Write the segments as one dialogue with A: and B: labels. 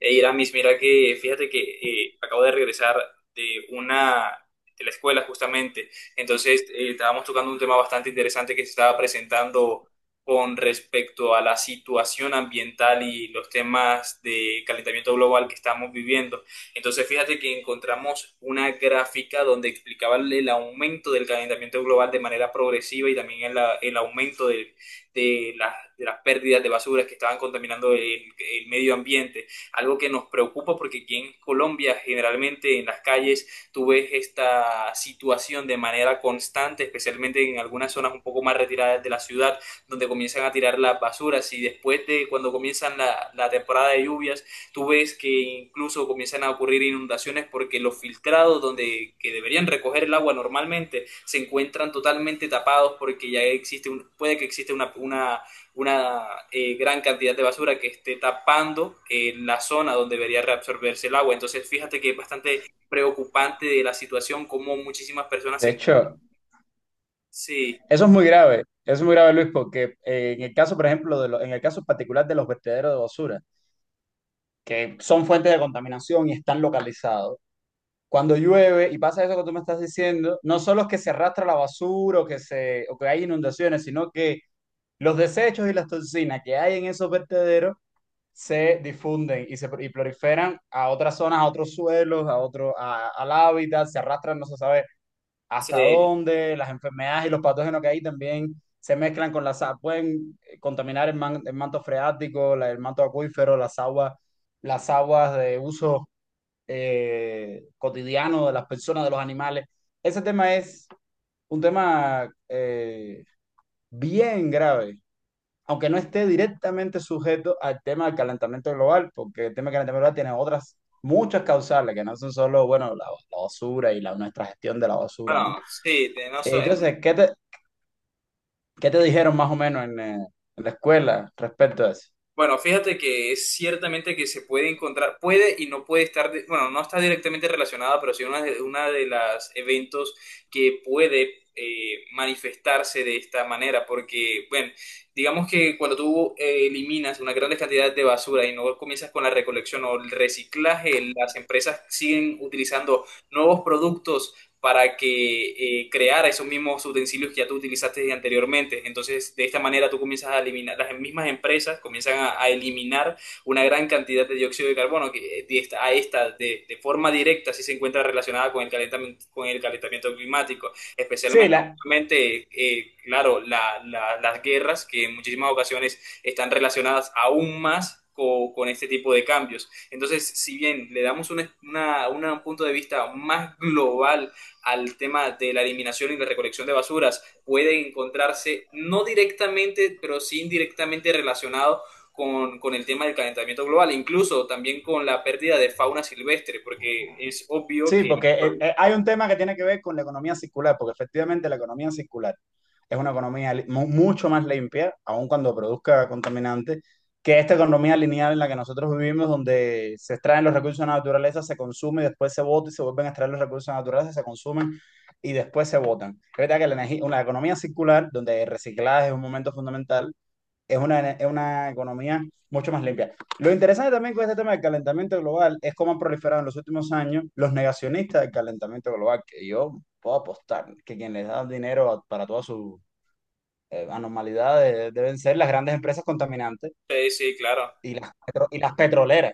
A: Hey, Iramis, mira que fíjate que acabo de regresar de una de la escuela justamente. Entonces, estábamos tocando un tema bastante interesante que se estaba presentando con respecto a la situación ambiental y los temas de calentamiento global que estamos viviendo. Entonces, fíjate que encontramos una gráfica donde explicaba el aumento del calentamiento global de manera progresiva y también el aumento de, de las pérdidas de basuras que estaban contaminando el medio ambiente, algo que nos preocupa porque aquí en Colombia generalmente en las calles tú ves esta situación de manera constante, especialmente en algunas zonas un poco más retiradas de la ciudad, donde comienzan a tirar las basuras y después de cuando comienzan la temporada de lluvias, tú ves que incluso comienzan a ocurrir inundaciones porque los filtrados donde que deberían recoger el agua normalmente se encuentran totalmente tapados porque ya existe un, puede que existe una, una gran cantidad de basura que esté tapando la zona donde debería reabsorberse el agua. Entonces, fíjate que es bastante preocupante de la situación, como muchísimas personas
B: De
A: se...
B: hecho,
A: Sí,
B: eso es muy grave, eso es muy grave, Luis, porque en el caso, por ejemplo, en el caso particular de los vertederos de basura, que son fuentes de contaminación y están localizados, cuando llueve y pasa eso que tú me estás diciendo, no solo es que se arrastra la basura o que hay inundaciones, sino que los desechos y las toxinas que hay en esos vertederos se difunden y proliferan a otras zonas, a otros suelos, al hábitat, se arrastran, no se sabe hasta
A: sí,
B: dónde, las enfermedades y los patógenos que hay también se mezclan con las aguas, pueden contaminar el manto freático, el manto acuífero, las aguas de uso cotidiano de las personas, de los animales. Ese tema es un tema bien grave, aunque no esté directamente sujeto al tema del calentamiento global, porque el tema del calentamiento global tiene otras muchas causales, que no son solo, bueno, la basura y la, nuestra gestión de la basura,
A: bueno,
B: ¿no?
A: sí, de no so-
B: Entonces, ¿qué te dijeron más o menos en la escuela respecto a eso?
A: Bueno, fíjate que es ciertamente que se puede encontrar, puede y no puede estar, de- bueno, no está directamente relacionada, pero sí una de las eventos que puede manifestarse de esta manera, porque, bueno, digamos que cuando tú eliminas una gran cantidad de basura y no comienzas con la recolección o el reciclaje, las empresas siguen utilizando nuevos productos para que creara esos mismos utensilios que ya tú utilizaste anteriormente. Entonces, de esta manera tú comienzas a eliminar, las mismas empresas comienzan a eliminar una gran cantidad de dióxido de carbono que de esta, a esta de, forma directa sí se encuentra relacionada con el calentamiento climático,
B: Sí,
A: especialmente,
B: la,
A: obviamente, claro, la, las guerras que en muchísimas ocasiones están relacionadas aún más con, este tipo de cambios. Entonces, si bien le damos una, un punto de vista más global al tema de la eliminación y la recolección de basuras puede encontrarse no directamente, pero sí indirectamente relacionado con, el tema del calentamiento global, incluso también con la pérdida de fauna silvestre, porque es obvio
B: sí,
A: que...
B: porque hay un tema que tiene que ver con la economía circular, porque efectivamente la economía circular es una economía mucho más limpia, aun cuando produzca contaminantes, que esta economía lineal en la que nosotros vivimos, donde se extraen los recursos de la naturaleza, se consume y después se bota y se vuelven a extraer los recursos de la naturaleza, se consumen y después se botan. Es verdad que la energía, una economía circular, donde el reciclaje es un momento fundamental, es una economía mucho más limpia. Lo interesante también con este tema del calentamiento global es cómo han proliferado en los últimos años los negacionistas del calentamiento global, que yo puedo apostar que quien les da dinero para todas sus anormalidades deben ser las grandes empresas contaminantes
A: Sí, sí, claro.
B: y y las petroleras.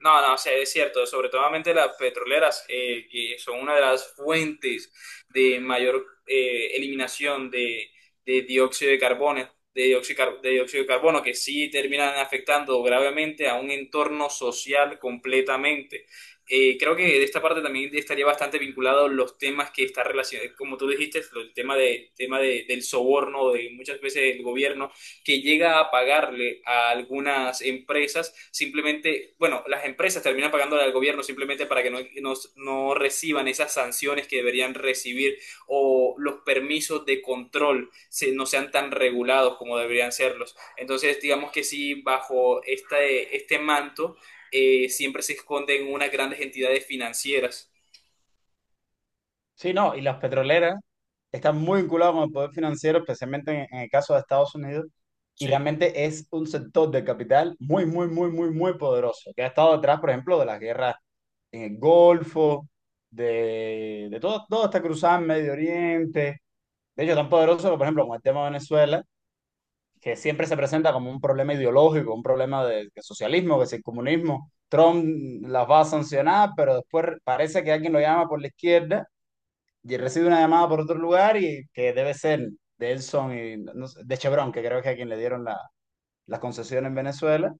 A: No, no, sí, es cierto, sobre todo las petroleras, que son una de las fuentes de mayor eliminación de dióxido de carbono, de dióxido, de car- de dióxido de carbono, que sí terminan afectando gravemente a un entorno social completamente. Creo que de esta parte también estaría bastante vinculado los temas que están relacionados, como tú dijiste, el tema de- del soborno, de muchas veces el gobierno que llega a pagarle a algunas empresas, simplemente, bueno, las empresas terminan pagándole al gobierno simplemente para que no, no, no reciban esas sanciones que deberían recibir o los permisos de control se, no sean tan regulados como deberían serlos. Entonces, digamos que sí, bajo este, este manto siempre se esconden unas grandes entidades financieras.
B: Sí, no, y las petroleras están muy vinculadas con el poder financiero, especialmente en el caso de Estados Unidos, y
A: Sí.
B: realmente es un sector de capital muy, muy, muy, muy, muy poderoso, que ha estado detrás, por ejemplo, de las guerras en el Golfo, de todo, todo esta cruzada en Medio Oriente. De hecho, tan poderoso que, por ejemplo, con el tema de Venezuela, que siempre se presenta como un problema ideológico, un problema de socialismo, que si el comunismo, Trump las va a sancionar, pero después parece que alguien lo llama por la izquierda y recibe una llamada por otro lugar y que debe ser de Elson y no sé, de Chevron, que creo que es a quien le dieron la, la concesión en Venezuela,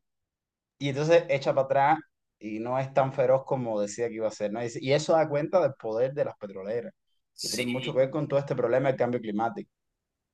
B: y entonces echa para atrás y no es tan feroz como decía que iba a ser, ¿no? Y eso da cuenta del poder de las petroleras, que tiene mucho que
A: Sí,
B: ver con todo este problema del cambio climático.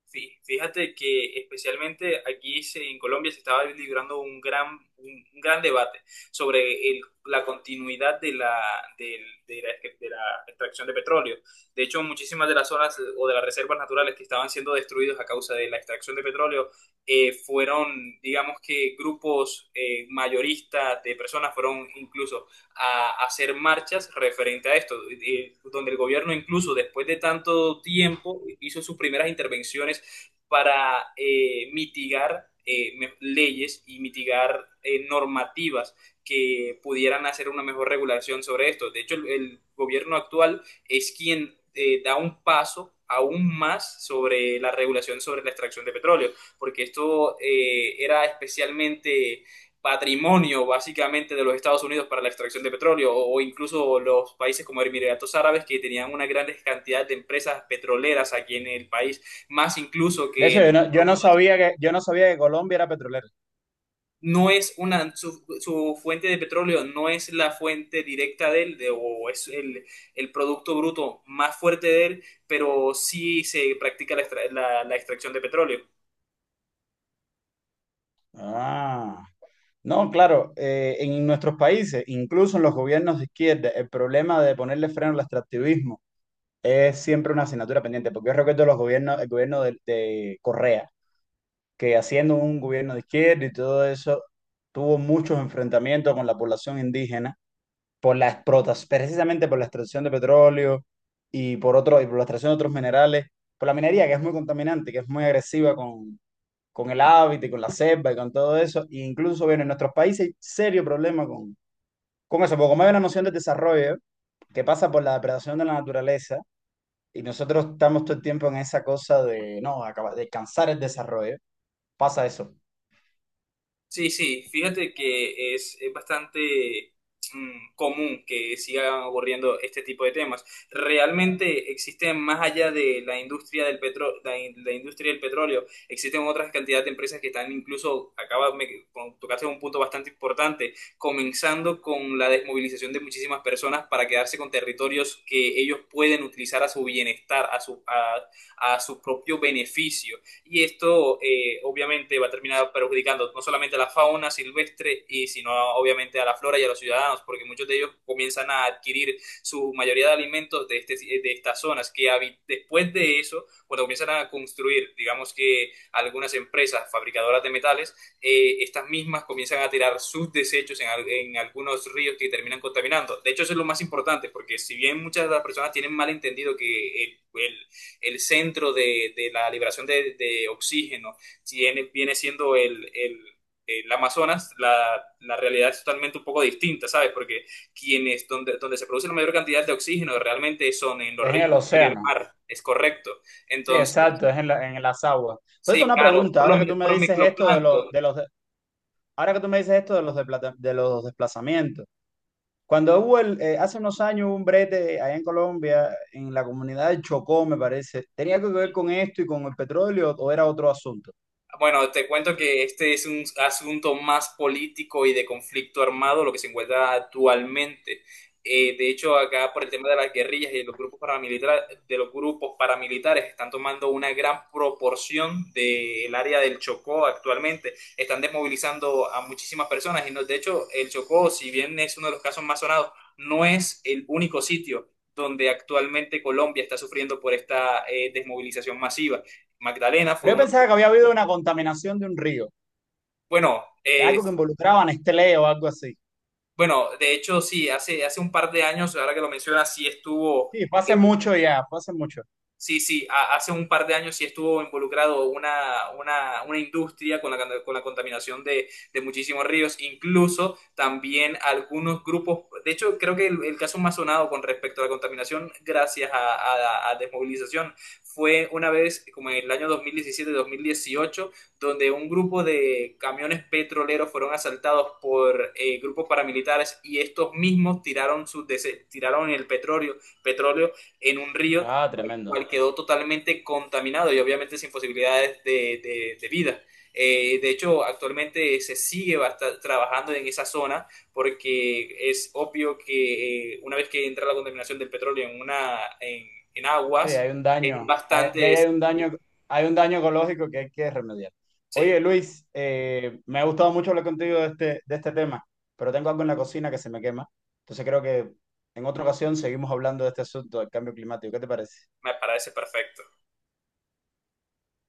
A: sí, fíjate que especialmente aquí se- en Colombia se estaba librando un gran debate sobre el- la continuidad de la, del- de la extracción de petróleo. De hecho, muchísimas de las zonas o de las reservas naturales que estaban siendo destruidas a causa de la extracción de petróleo fueron, digamos que grupos mayoristas de personas fueron incluso a hacer marchas referente a esto, donde el gobierno incluso después de tanto tiempo hizo sus primeras intervenciones para mitigar me- leyes y mitigar normativas que pudieran hacer una mejor regulación sobre esto. De hecho, el gobierno actual es quien da un paso aún más sobre la regulación sobre la extracción de petróleo, porque esto era especialmente patrimonio básicamente de los Estados Unidos para la extracción de petróleo o incluso los países como Emiratos Árabes que tenían una gran cantidad de empresas petroleras aquí en el país, más incluso
B: De hecho,
A: que
B: yo no sabía que, yo no sabía que Colombia era petrolera.
A: no es una su, su fuente de petróleo no es la fuente directa de él de- o es el producto bruto más fuerte de él, pero sí se practica la extra- la- la extracción de petróleo.
B: Ah. No, claro, en nuestros países, incluso en los gobiernos de izquierda, el problema de ponerle freno al extractivismo es siempre una asignatura pendiente, porque yo recuerdo los gobiernos, el gobierno de Correa, que haciendo un gobierno de izquierda y todo eso, tuvo muchos enfrentamientos con la población indígena por la explotación, precisamente por la extracción de petróleo y por la extracción de otros minerales, por la minería que es muy contaminante, que es muy agresiva con el hábitat y con la selva y con todo eso, e incluso bueno en nuestros países hay serio problema con eso, porque como hay una noción de desarrollo que pasa por la depredación de la naturaleza, y nosotros estamos todo el tiempo en esa cosa de, no, de cansar el desarrollo. Pasa eso.
A: Sí, sí, fíjate que es bastante común que sigan ocurriendo este tipo de temas. Realmente existen más allá de la industria del petro- la, in- la industria del petróleo, existen otras cantidad de empresas que están incluso, acaba, me, con- tocaste un punto bastante importante, comenzando con la desmovilización de muchísimas personas para quedarse con territorios que ellos pueden utilizar a su bienestar, a su propio beneficio y esto obviamente va a terminar perjudicando no solamente a la fauna silvestre, y sino obviamente a la flora y a los ciudadanos, porque muchos de ellos comienzan a adquirir su mayoría de alimentos de, este, de estas zonas, que habi- después de eso, cuando comienzan a construir, digamos que algunas empresas fabricadoras de metales, estas mismas comienzan a tirar sus desechos en algunos ríos que terminan contaminando. De hecho, eso es lo más importante, porque si bien muchas de las personas tienen mal entendido que el centro de la liberación de oxígeno, si viene, viene siendo el Amazonas, la, realidad es totalmente un poco distinta, ¿sabes? Porque quienes, donde, donde se produce la mayor cantidad de oxígeno realmente son en los
B: Es en el
A: ríos y en el
B: océano.
A: mar, es correcto.
B: Sí,
A: Entonces,
B: exacto, en las aguas. Entonces,
A: sí,
B: una
A: claro,
B: pregunta,
A: por lo
B: ahora que
A: mi
B: tú me
A: por
B: dices esto
A: microplancton,
B: ahora que tú me dices esto de los, de los desplazamientos. Cuando hubo hace unos años hubo un brete allá en Colombia, en la comunidad del Chocó, me parece. ¿Tenía algo que ver con esto y con el petróleo o era otro asunto?
A: bueno, te cuento que este es un asunto más político y de conflicto armado, lo que se encuentra actualmente. De hecho, acá por el tema de las guerrillas y de los grupos paramilitares, de los grupos paramilitares están tomando una gran proporción del área del Chocó actualmente. Están desmovilizando a muchísimas personas y no- de hecho, el Chocó, si bien es uno de los casos más sonados, no es el único sitio donde actualmente Colombia está sufriendo por esta desmovilización masiva. Magdalena fue
B: Pero yo
A: uno,
B: pensaba que había habido una contaminación de un río,
A: bueno,
B: algo que involucraba a Nestlé o algo así.
A: bueno, de hecho sí, hace, hace un par de años, ahora que lo mencionas, sí estuvo,
B: Sí, fue hace
A: eh,
B: mucho ya, fue hace mucho.
A: sí, sí, a- hace un par de años sí estuvo involucrado una industria con la, can- con la contaminación de muchísimos ríos, incluso también algunos grupos, de hecho creo que el caso más sonado con respecto a la contaminación gracias a desmovilización fue una vez como en el año 2017-2018, donde un grupo de camiones petroleros fueron asaltados por grupos paramilitares y estos mismos tiraron, sus dese- tiraron el petróleo, petróleo en un río
B: Ah, tremendo.
A: cual quedó totalmente contaminado y obviamente sin posibilidades de vida. De hecho, actualmente se sigue basta- trabajando en esa zona porque es obvio que una vez que entra la contaminación del petróleo en, una, en
B: Sí,
A: aguas,
B: hay un
A: es
B: daño, ya
A: bastante...
B: hay un daño ecológico que hay que remediar.
A: Sí,
B: Oye, Luis, me ha gustado mucho hablar contigo de este tema, pero tengo algo en la cocina que se me quema. Entonces creo que en otra ocasión seguimos hablando de este asunto del cambio climático. ¿Qué te parece?
A: me parece perfecto.